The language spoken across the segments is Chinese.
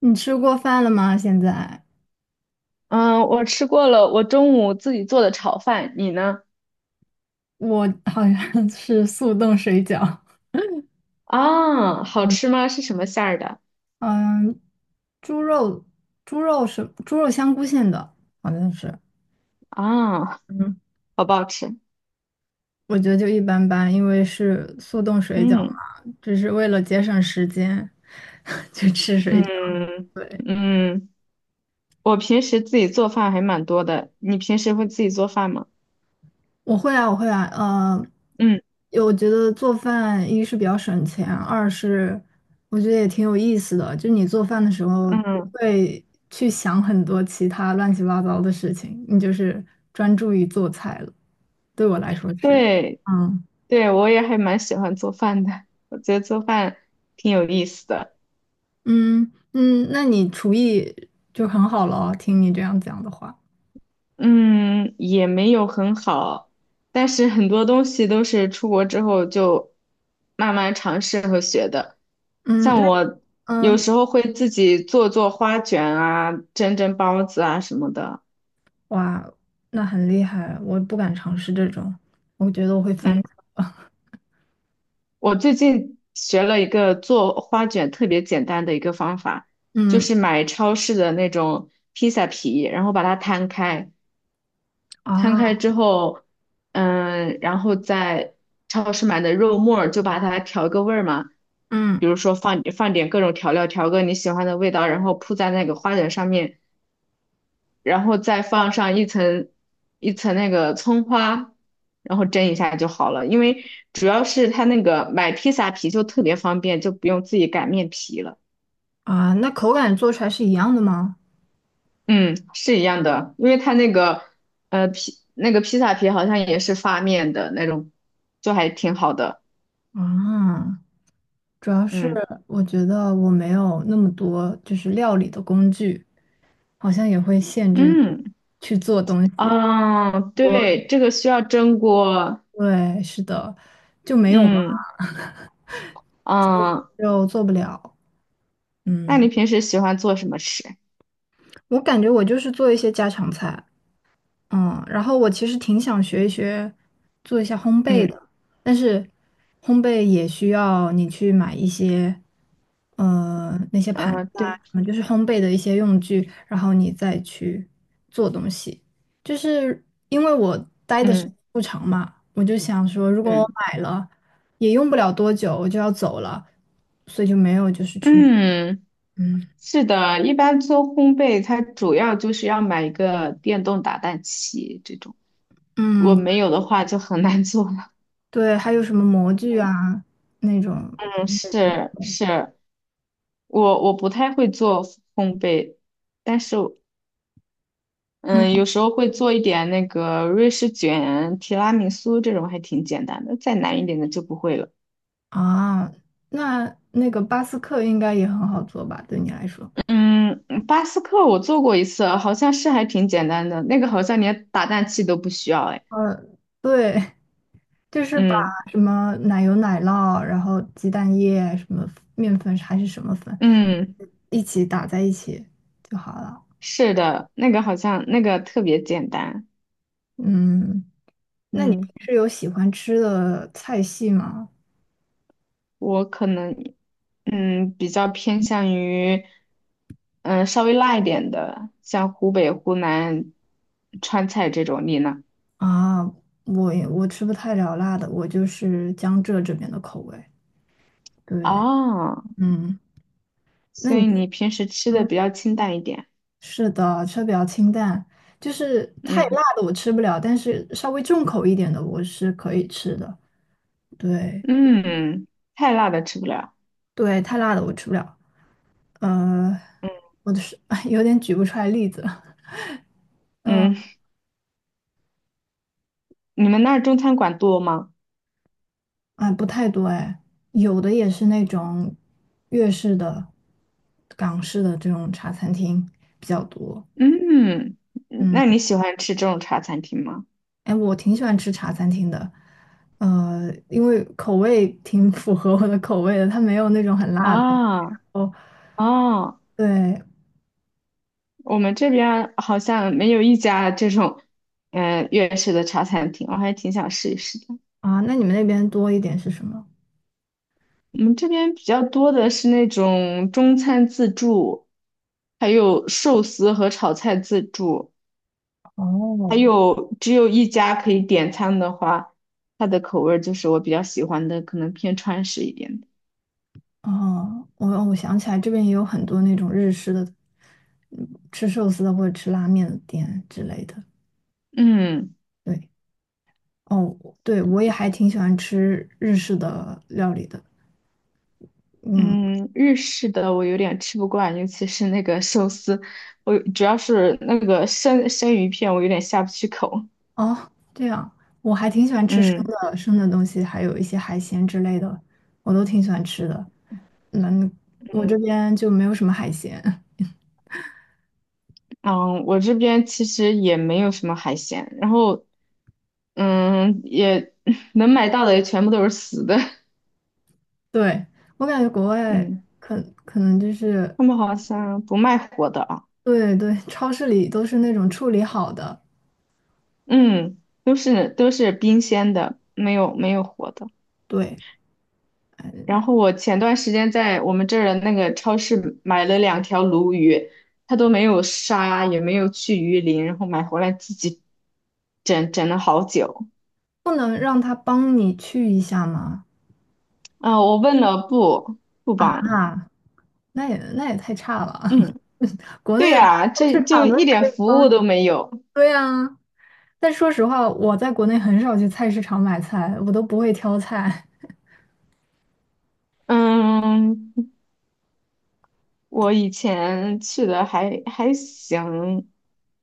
你吃过饭了吗？现在嗯，我吃过了，我中午自己做的炒饭，你呢？我好像是速冻水饺。 啊，好嗯，吃吗？是什么馅儿的？嗯，猪肉。猪肉是香菇馅的，好像是。啊，嗯，好不好吃？我觉得就一般般，因为是速冻水饺嗯嘛，只是为了节省时间。 就吃水饺。嗯对。嗯，我平时自己做饭还蛮多的，你平时会自己做饭吗？我会啊，嗯我觉得做饭一是比较省钱，二是我觉得也挺有意思的。就你做饭的时候不嗯，会去想很多其他乱七八糟的事情，你就是专注于做菜了。对我来说是。对嗯对，我也还蛮喜欢做饭的，我觉得做饭挺有意思的。嗯，那你厨艺就很好了哦，听你这样讲的话。嗯，也没有很好，但是很多东西都是出国之后就慢慢尝试和学的。嗯，那像你我有嗯，时候会自己做做花卷啊，蒸蒸包子啊什么的。哇，那很厉害，我不敢尝试这种，我觉得我会嗯，翻车。我最近学了一个做花卷特别简单的一个方法，就嗯。是买超市的那种披萨皮，然后把它摊开。摊开啊。之后，嗯，然后在超市买的肉末儿就把它调个味儿嘛，嗯。比如说放放点各种调料，调个你喜欢的味道，然后铺在那个花卷上面，然后再放上一层一层那个葱花，然后蒸一下就好了。因为主要是它那个买披萨皮就特别方便，就不用自己擀面皮了。啊，那口感做出来是一样的吗？嗯，是一样的，因为它那个那个披萨皮好像也是发面的那种，就还挺好的。啊，主要是嗯我觉得我没有那么多就是料理的工具，好像也会限制你嗯去做东西。啊，我对，这个需要蒸锅。对，是的，就没有嘛，嗯啊，就做不了。那你嗯，平时喜欢做什么吃？我感觉我就是做一些家常菜。嗯，然后我其实挺想学一学，做一下烘焙嗯的，但是烘焙也需要你去买一些，那些盘啊，子啊，对，什么就是烘焙的一些用具，然后你再去做东西。就是因为我待的时间嗯不长嘛，我就想说，如果我嗯买了，也用不了多久，我就要走了，所以就没有就是去。嗯，嗯。是的，一般做烘焙，它主要就是要买一个电动打蛋器这种，如果嗯，没有的话就很难做了。对，还有什么模具啊那种。嗯，是是，我不太会做烘焙，但是嗯，嗯。有时候会做一点那个瑞士卷、提拉米苏这种，还挺简单的。再难一点的就不会了。啊，那那个巴斯克应该也很好做吧？对你来说，嗯，巴斯克我做过一次，好像是还挺简单的。那个好像连打蛋器都不需要。哎，呃，对，就是把嗯什么奶油、奶酪，然后鸡蛋液、什么面粉还是什么粉，嗯，一起打在一起就好了。是的，那个好像那个特别简单。嗯，那你平嗯，时有喜欢吃的菜系吗？我可能比较偏向于嗯稍微辣一点的，像湖北、湖南川菜这种。你呢？啊，我吃不太了辣的，我就是江浙这边的口味。对。哦。嗯，那所你，以你平时吃的嗯，比较清淡一点。是的，吃的比较清淡，就是太嗯辣的我吃不了，但是稍微重口一点的我是可以吃的。对嗯，太辣的吃不了。对，太辣的我吃不了。呃，我的是 有点举不出来例子了。嗯、嗯，你们那儿中餐馆多吗？啊，不太多哎，有的也是那种粤式的、港式的这种茶餐厅比较多。嗯，嗯，那你喜欢吃这种茶餐厅吗？哎，我挺喜欢吃茶餐厅的，因为口味挺符合我的口味的，它没有那种很辣的。啊哦，啊，对，我们这边儿好像没有一家这种，粤式的茶餐厅，我还挺想试一试的。啊，那你们那边多一点是什么？我们这边比较多的是那种中餐自助，还有寿司和炒菜自助。还哦。有只有一家可以点餐的话，它的口味儿就是我比较喜欢的，可能偏川式一点的。哦，我想起来，这边也有很多那种日式的，嗯，吃寿司的或者吃拉面的店之类的。嗯对。哦，对，我也还挺喜欢吃日式的料理的。嗯。嗯，日式的我有点吃不惯，尤其是那个寿司，我主要是那个生鱼片，我有点下不去口。哦，这样，我还挺喜欢吃生嗯的生的东西，还有一些海鲜之类的，我都挺喜欢吃的。嗯，我这边就没有什么海鲜。嗯，我这边其实也没有什么海鲜，然后也 能买到的也全部都是死的。对，我感觉国外嗯，可能就是。他们好像不卖活的啊。对对，超市里都是那种处理好的。嗯，都是冰鲜的，没有活的。对，然后我前段时间在我们这儿的那个超市买了两条鲈鱼，它都没有杀，也没有去鱼鳞，然后买回来自己整整了好久。不能让他帮你去一下吗？啊，我问了不啊，帮，那也太差了。嗯，国对内的呀，菜市这就场都一点可以服帮务你。都没有。对呀，但说实话，我在国内很少去菜市场买菜，我都不会挑菜。嗯，我以前去的还行，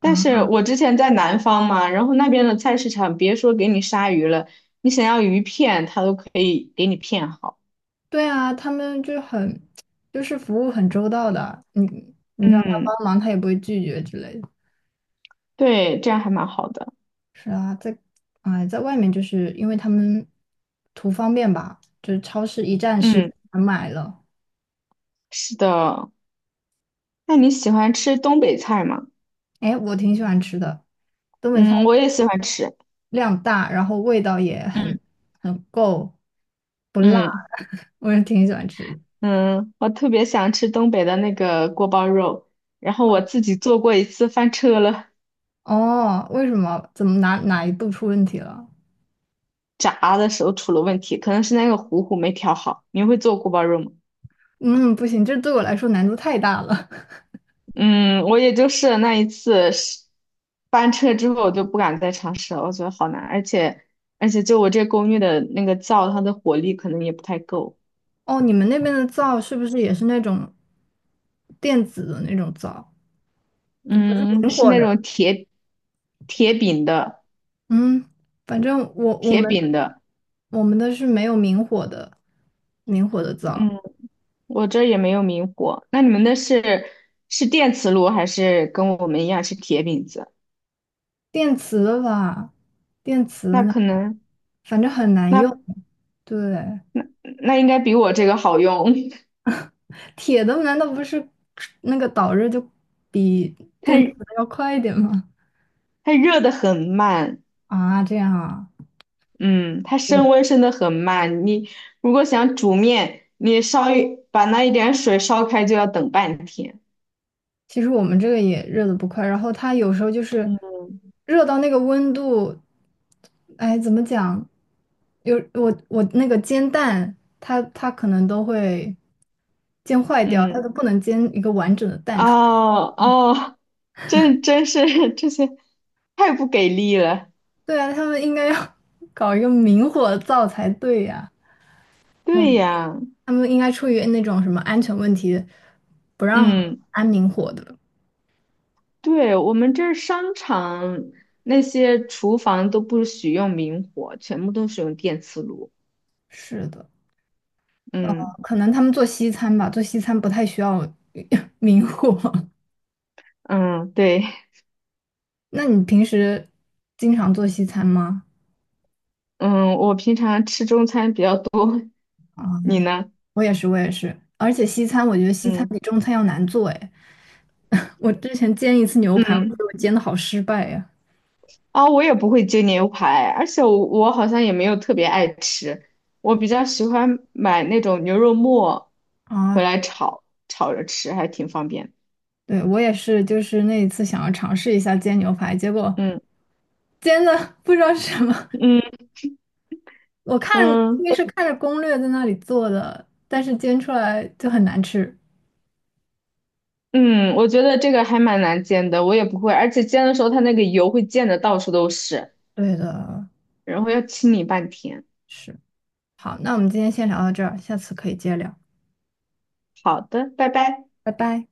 但是啊，我之前在南方嘛，然后那边的菜市场，别说给你杀鱼了，你想要鱼片，它都可以给你片好。对啊，他们就很，就是服务很周到的，你让他嗯，帮忙，他也不会拒绝之类的。对，这样还蛮好的。是啊，在啊、哎，在外面就是因为他们图方便吧，就是超市一站式嗯，全买了。是的。那你喜欢吃东北菜吗？哎，我挺喜欢吃的，东北菜嗯，我也喜欢吃。量大，然后味道也很嗯很够，不辣。嗯 我也挺喜欢吃的。嗯，我特别想吃东北的那个锅包肉，然后我自己做过一次，翻车了。哦，为什么？怎么哪一步出问题了？炸的时候出了问题，可能是那个糊糊没调好。你会做锅包肉吗？嗯，不行，这对我来说难度太大了。嗯，我也就试了那一次，是翻车之后我就不敢再尝试了，我觉得好难，而且就我这公寓的那个灶，它的火力可能也不太够。哦，你们那边的灶是不是也是那种电子的那种灶，就不是嗯，明是火那的？种铁饼的，嗯，反正我我铁们饼的。我们的是没有明火的，明火的灶，嗯，我这儿也没有明火。那你们那是是电磁炉还是跟我们一样是铁饼子？电磁的吧，电磁的那那可个，能反正很难用。那对，那应该比我这个好用。铁的难道不是那个导热就比电磁它的要快一点吗？它热的很慢，啊，这样啊，嗯，它升温升的很慢。你如果想煮面，你烧一把那一点水烧开就要等半天。其实我们这个也热的不快，然后它有时候就是嗯，热到那个温度，哎，怎么讲？有我那个煎蛋，它可能都会煎坏掉，它嗯，都不能煎一个完整的蛋出来。哦 哦，真是 这些太不给力了。对啊，他们应该要 搞一个明火灶才对呀、那对呀，他们应该出于那种什么安全问题，不让嗯，安明火的。对，我们这儿商场那些厨房都不许用明火，全部都是用电磁炉。是的，嗯可能他们做西餐吧，做西餐不太需要 明火。嗯，对，那你平时经常做西餐吗？嗯，我平常吃中餐比较多，啊，你呢？我也是，我也是。而且西餐，我觉得西餐嗯比中餐要难做哎。我之前煎一次牛排，我觉嗯，得我煎的好失败呀。啊、我也不会煎牛排，而且我好像也没有特别爱吃，我比较喜欢买那种牛肉末回啊，来炒，炒着吃还挺方便。对，我也是，就是那一次想要尝试一下煎牛排，结果嗯煎的不知道是什么。嗯 我看，因嗯为是看着攻略在那里做的，但是煎出来就很难吃。我觉得这个还蛮难煎的，我也不会，而且煎的时候它那个油会溅的到处都是，对的，然后要清理半天。是。好，那我们今天先聊到这儿，下次可以接着聊，好的，拜拜。拜拜。